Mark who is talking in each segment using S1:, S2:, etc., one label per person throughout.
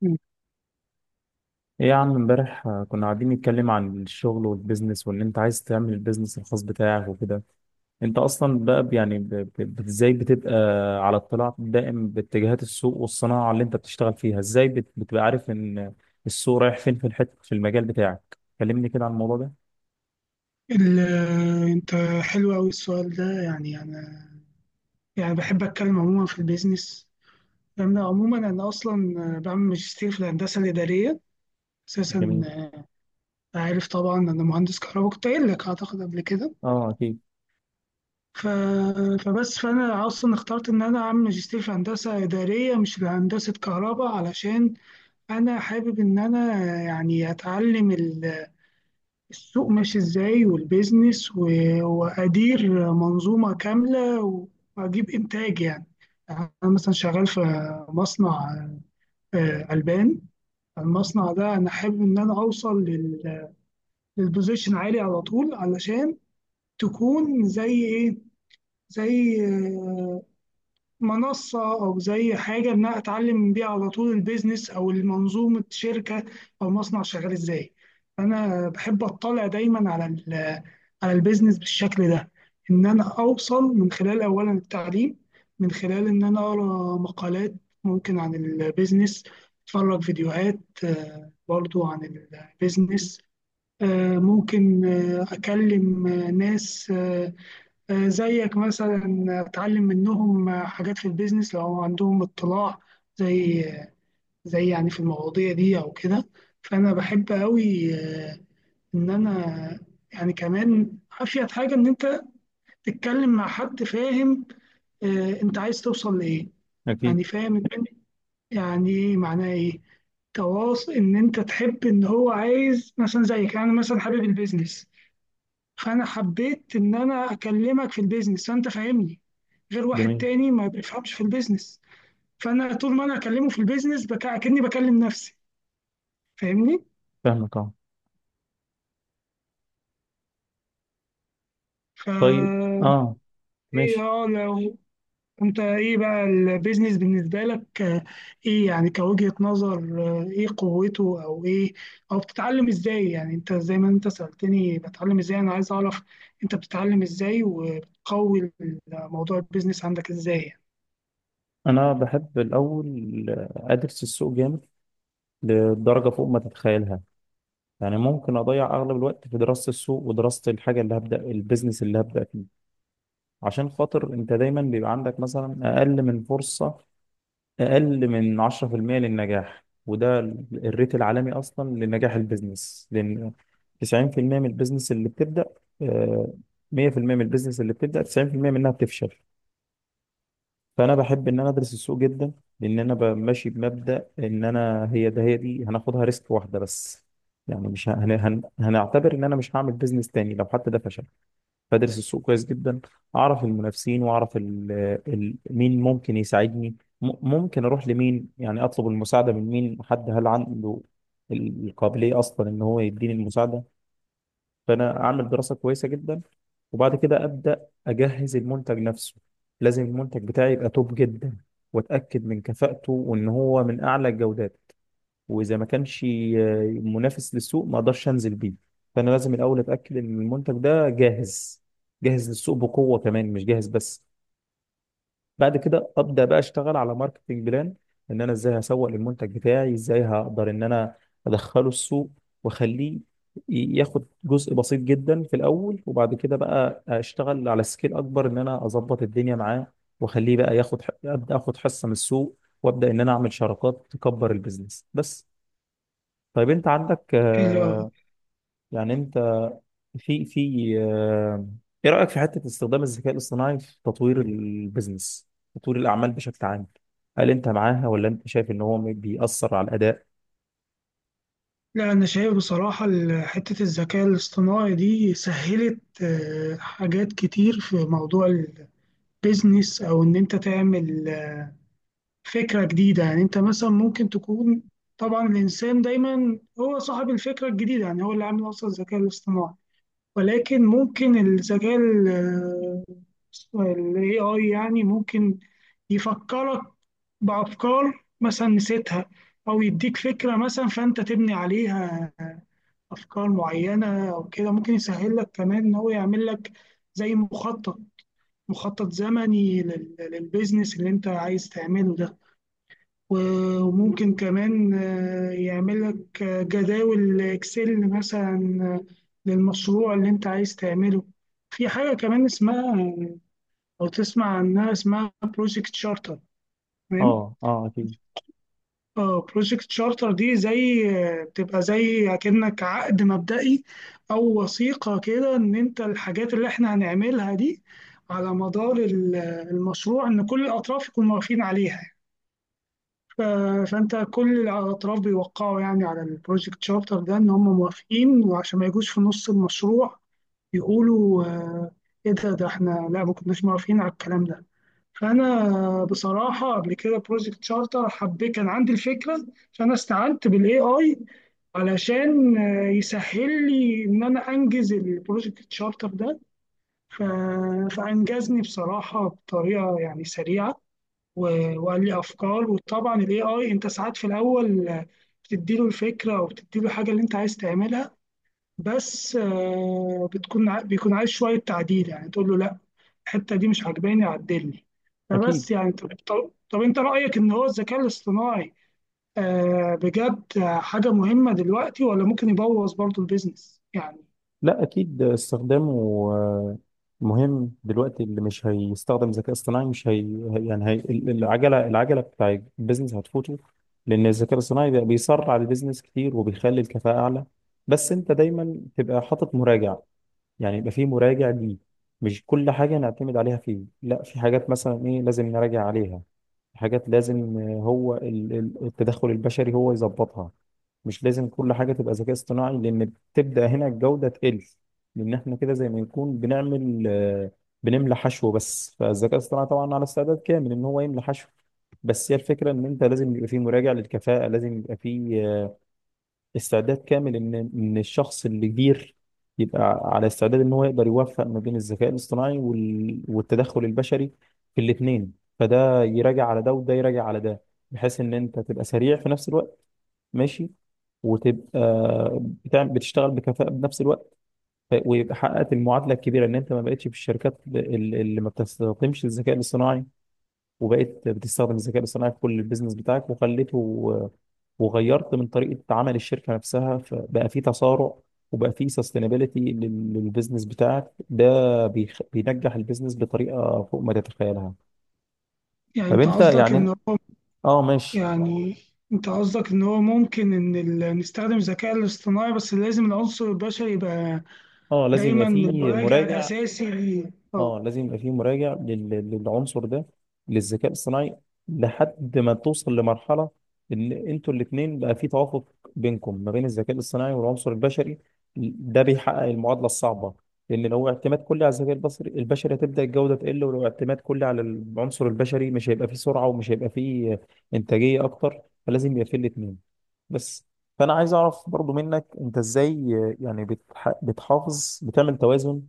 S1: مم.
S2: ايه يا عم امبارح كنا قاعدين نتكلم عن الشغل والبيزنس وان انت عايز تعمل البيزنس الخاص بتاعك وكده. انت اصلا بقى ازاي بتبقى على اطلاع دائم باتجاهات السوق والصناعة اللي انت بتشتغل فيها، ازاي بتبقى عارف ان السوق رايح فين في الحتة في المجال بتاعك؟ كلمني كده عن الموضوع ده.
S1: ال- انت حلو قوي السؤال ده. يعني انا يعني بحب اتكلم عموما في البيزنس. انا عموما انا اصلا بعمل ماجستير في الهندسه الاداريه اساسا.
S2: جميل.
S1: عارف طبعا انا مهندس كهرباء، كنت قايل لك اعتقد قبل كده.
S2: اه اكيد.
S1: ف... فبس فانا اصلا اخترت ان انا اعمل ماجستير في هندسه اداريه مش في هندسه كهرباء، علشان انا حابب ان انا اتعلم السوق ماشي ازاي، والبيزنس و- وادير منظومه كامله واجيب انتاج. يعني انا مثلا شغال في مصنع، البان. المصنع ده انا حابب ان انا اوصل للبوزيشن عالي على طول، علشان تكون زي ايه، زي منصة، أو زي حاجة إن أنا أتعلم بيها على طول البيزنس أو المنظومة شركة أو مصنع شغال إزاي. أنا بحب أطلع دايما على على البيزنس بالشكل ده، إن أنا أوصل من خلال أولا التعليم، من خلال إن أنا أقرأ مقالات ممكن عن البيزنس، أتفرج فيديوهات برضو عن البيزنس. ممكن أكلم ناس زيك مثلا، اتعلم منهم حاجات في البيزنس لو هم عندهم اطلاع زي زي في المواضيع دي او كده. فانا بحب قوي ان انا كمان افيد حاجه، ان انت تتكلم مع حد فاهم انت عايز توصل لايه،
S2: اكيد.
S1: فاهم إيه معناه، ايه تواصل، ان انت تحب ان هو عايز مثلا زيك. انا مثلا حابب البيزنس، فانا حبيت ان انا اكلمك في البيزنس، فانت فاهمني، غير واحد
S2: جميل.
S1: تاني ما بيفهمش في البيزنس. فانا طول ما انا اكلمه في البيزنس اكني بكلم نفسي، فاهمني.
S2: فاهمك اه.
S1: ف
S2: طيب. اه.
S1: ايه،
S2: ماشي.
S1: اه، لو انت ايه بقى البيزنس بالنسبه لك؟ ايه كوجهة نظر؟ ايه قوته، او ايه، او بتتعلم ازاي؟ انت زي ما انت سألتني بتعلم ازاي، انا عايز اعرف انت بتتعلم ازاي وبتقوي موضوع البيزنس عندك ازاي
S2: انا بحب الاول ادرس السوق جامد لدرجة فوق ما تتخيلها. يعني ممكن اضيع اغلب الوقت في دراسه السوق ودراسه الحاجه اللي هبدا البيزنس اللي هبدا فيه. عشان خاطر انت دايما بيبقى عندك مثلا اقل من فرصه، اقل من 10% للنجاح، وده الريت العالمي اصلا لنجاح البيزنس، لان 90% من البيزنس اللي بتبدا، آه، 100% من البيزنس اللي بتبدا 90% منها بتفشل. فانا بحب ان انا ادرس السوق جدا، لان انا ماشي بمبدا ان انا هي ده هي دي هناخدها ريسك واحده بس. يعني مش هنعتبر ان انا مش هعمل بيزنس تاني لو حتى ده فشل. فادرس السوق كويس جدا، اعرف المنافسين واعرف مين ممكن يساعدني، ممكن اروح لمين، يعني اطلب المساعده من مين، حد هل عنده القابليه اصلا ان هو يديني المساعده. فانا اعمل دراسه كويسه جدا، وبعد كده ابدا اجهز المنتج نفسه. لازم المنتج بتاعي يبقى توب جدا، واتاكد من كفاءته وان هو من اعلى الجودات. واذا ما كانش منافس للسوق ما اقدرش انزل بيه. فانا لازم الاول اتاكد ان المنتج ده جاهز، جاهز للسوق بقوه كمان، مش جاهز بس. بعد كده ابدا بقى اشتغل على ماركتنج بلان، ان انا ازاي هسوق للمنتج بتاعي، ازاي هقدر ان انا ادخله السوق واخليه ياخد جزء بسيط جدا في الاول، وبعد كده بقى اشتغل على سكيل اكبر ان انا اظبط الدنيا معاه، واخليه بقى ياخد ح- ابدا اخد حصه من السوق، وابدا ان انا اعمل شراكات تكبر البيزنس بس. طيب انت عندك
S1: حلو أوي.
S2: يعني انت في في آه، ايه رأيك في حتة استخدام الذكاء الاصطناعي في تطوير البيزنس، تطوير الأعمال بشكل عام؟ هل انت معاها ولا انت شايف ان هو بيأثر على الأداء؟
S1: لا، أنا شايف بصراحة حتة الذكاء الاصطناعي دي سهلت حاجات كتير في موضوع البيزنس، أو إن أنت تعمل فكرة جديدة. أنت مثلا ممكن تكون، طبعا الإنسان دايما هو صاحب الفكرة الجديدة، هو اللي عامل أصلا الذكاء الاصطناعي، ولكن ممكن الذكاء ال- آه، ال AI ممكن يفكرك بأفكار مثلا نسيتها، أو يديك فكرة مثلا فأنت تبني عليها افكار معينه او كده. ممكن يسهل لك كمان ان هو يعمل لك زي مخطط زمني للبيزنس اللي انت عايز تعمله ده. و- وممكن كمان يعمل لك جداول اكسل مثلا للمشروع اللي انت عايز تعمله. في حاجه كمان اسمها، او تسمع عنها، اسمها بروجكت شارتر.
S2: اه. اه اكيد.
S1: اه، بروجكت شارتر دي زي، بتبقى زي كأنك عقد مبدئي، أو وثيقة كده، إن أنت الحاجات اللي إحنا هنعملها دي على مدار المشروع إن كل الأطراف يكونوا موافقين عليها. ف- فأنت كل الأطراف بيوقعوا على البروجكت شارتر ده إن هم موافقين، وعشان ما يجوش في نص المشروع يقولوا إيه ده، إحنا لا، ما كناش موافقين على الكلام ده. فانا بصراحه قبل كده بروجكت شارتر حبيت، كان عندي الفكره، فانا استعنت بالاي اي علشان يسهل لي ان انا انجز البروجكت شارتر ده. ف- فانجزني بصراحه بطريقه سريعه، و- وقال لي افكار. وطبعا الاي اي انت ساعات في الاول بتديله الفكره او بتديله الحاجه اللي انت عايز تعملها، بس بيكون عايز شويه تعديل، تقول له لا، الحته دي مش عجباني، عدلني.
S2: اكيد.
S1: فبس يعني طب انت رايك ان هو الذكاء الاصطناعي آه بجد حاجه مهمه دلوقتي، ولا ممكن يبوظ برضو البيزنس
S2: لا اكيد استخدامه آه، مهم دلوقتي. اللي مش هيستخدم ذكاء اصطناعي مش هي هي- يعني العجله، العجله بتاع البيزنس هتفوته، لان الذكاء الاصطناعي بقى بيسرع البيزنس كتير وبيخلي الكفاءه اعلى. بس انت دايما تبقى حاطط مراجع، يعني يبقى في مراجع ليه. مش كل حاجة نعتمد عليها فيه، لا، في حاجات مثلا إيه لازم نراجع عليها. حاجات لازم التدخل البشري هو يظبطها. مش لازم كل حاجة تبقى ذكاء اصطناعي، لأن تبدأ هنا الجودة تقل، لأن إحنا كده زي ما نكون بنعمل، بنملى حشو بس. فالذكاء الاصطناعي طبعا على استعداد كامل إن هو يملى حشو، بس هي الفكرة إن أنت لازم يبقى فيه مراجع للكفاءة، لازم يبقى فيه استعداد كامل ان الشخص اللي كبير يبقى على استعداد ان هو يقدر يوفق ما بين الذكاء الاصطناعي والتدخل البشري في الاثنين، فده يراجع على ده وده يراجع على ده، بحيث ان انت تبقى سريع في نفس الوقت، ماشي، وتبقى بتشتغل بكفاءة بنفس الوقت. ويبقى حققت المعادلة الكبيرة ان انت ما بقتش في الشركات اللي ما بتستخدمش الذكاء الاصطناعي، وبقيت بتستخدم الذكاء الاصطناعي في كل البيزنس بتاعك وخليته، وغيرت من طريقة عمل الشركة نفسها، فبقى في تسارع وبقى في سستينابيلتي للبيزنس بتاعك، ده بينجح البيزنس بطريقة فوق ما تتخيلها.
S1: يعني
S2: طب
S1: انت
S2: انت
S1: قصدك
S2: يعني
S1: ان هو
S2: اه ماشي.
S1: يعني انت قصدك ان هو ممكن ان نستخدم الذكاء الاصطناعي، بس لازم العنصر البشري يبقى
S2: اه لازم يبقى
S1: دايما
S2: في
S1: المراجع
S2: مراجع.
S1: الاساسي ليه، اه.
S2: اه لازم يبقى في مراجع للعنصر ده، للذكاء الصناعي، لحد ما توصل لمرحلة ان انتوا الاتنين بقى في توافق بينكم ما بين الذكاء الصناعي والعنصر البشري. ده بيحقق المعادلة الصعبة، لان لو اعتماد كلي على الذكاء البصري البشري هتبدأ الجودة تقل، ولو اعتماد كلي على العنصر البشري مش هيبقى فيه سرعة ومش هيبقى فيه انتاجية اكتر، فلازم يبقى فيه الاتنين بس. فانا عايز اعرف برضو منك، انت ازاي يعني بتحافظ، بتعمل توازن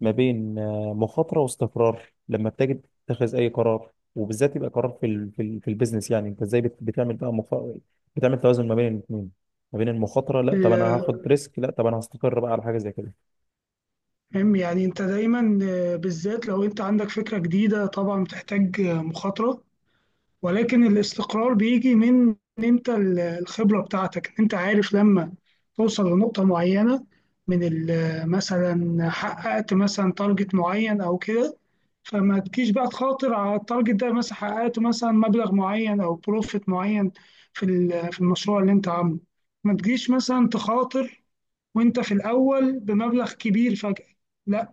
S2: ما بين مخاطرة واستقرار لما بتيجي تتخذ أي قرار، وبالذات يبقى قرار في البيزنس؟ يعني أنت إزاي بتعمل بقى بتعمل توازن ما بين الاثنين، ما بين المخاطرة، لا طب أنا هاخد
S1: ال-
S2: ريسك، لا طب أنا هستقر بقى على حاجة زي كده.
S1: المهم انت دايما بالذات لو انت عندك فكره جديده طبعا بتحتاج مخاطره، ولكن الاستقرار بيجي من إن انت الخبرة بتاعتك، ان انت عارف لما توصل لنقطة معينة، من مثلا حققت مثلا تارجت معين او كده، فما تجيش بقى تخاطر على التارجت ده. مثلا حققت مثلا مبلغ معين او بروفيت معين في في المشروع اللي انت عامله، ما تجيش مثلا تخاطر وانت في الاول بمبلغ كبير فجأة. لا.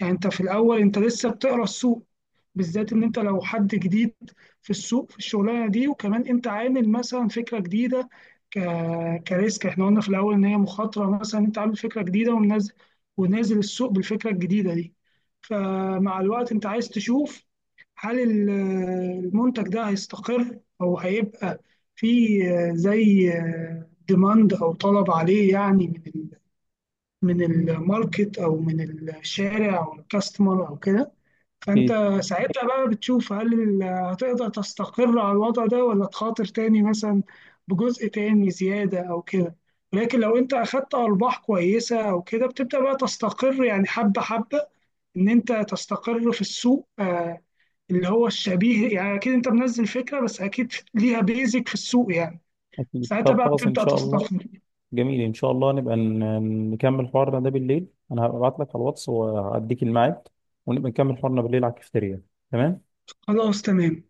S1: انت في الاول انت لسه بتقرا السوق، بالذات ان انت لو حد جديد في السوق في الشغلانه دي، وكمان انت عامل مثلا فكره جديده ك... كريسك. احنا قلنا في الاول ان هي مخاطره، مثلا انت عامل فكره جديده ومنزل، ونازل السوق بالفكره الجديده دي. فمع الوقت انت عايز تشوف هل المنتج ده هيستقر او هيبقى في زي ديماند او طلب عليه، من من الماركت او من الشارع او الكاستمر او كده. فانت
S2: أكيد.
S1: ساعتها بقى بتشوف هل هتقدر تستقر على الوضع ده، ولا تخاطر تاني مثلا بجزء تاني زيادة او كده. لكن لو انت اخدت ارباح كويسة او كده بتبدأ بقى تستقر، حبة حبة ان انت تستقر في السوق. اللي هو الشبيه، اكيد انت منزل فكرة بس اكيد ليها بيزك في السوق
S2: أكيد
S1: ساعتها
S2: طب
S1: بقى
S2: خلاص إن
S1: بتبدأ
S2: شاء الله.
S1: تستقر.
S2: جميل، إن شاء الله نبقى نكمل حوارنا ده بالليل، أنا هبعت لك على الواتس وأديك الميعاد، ونبقى نكمل حوارنا بالليل على الكافتيريا. تمام.
S1: خلاص تمام.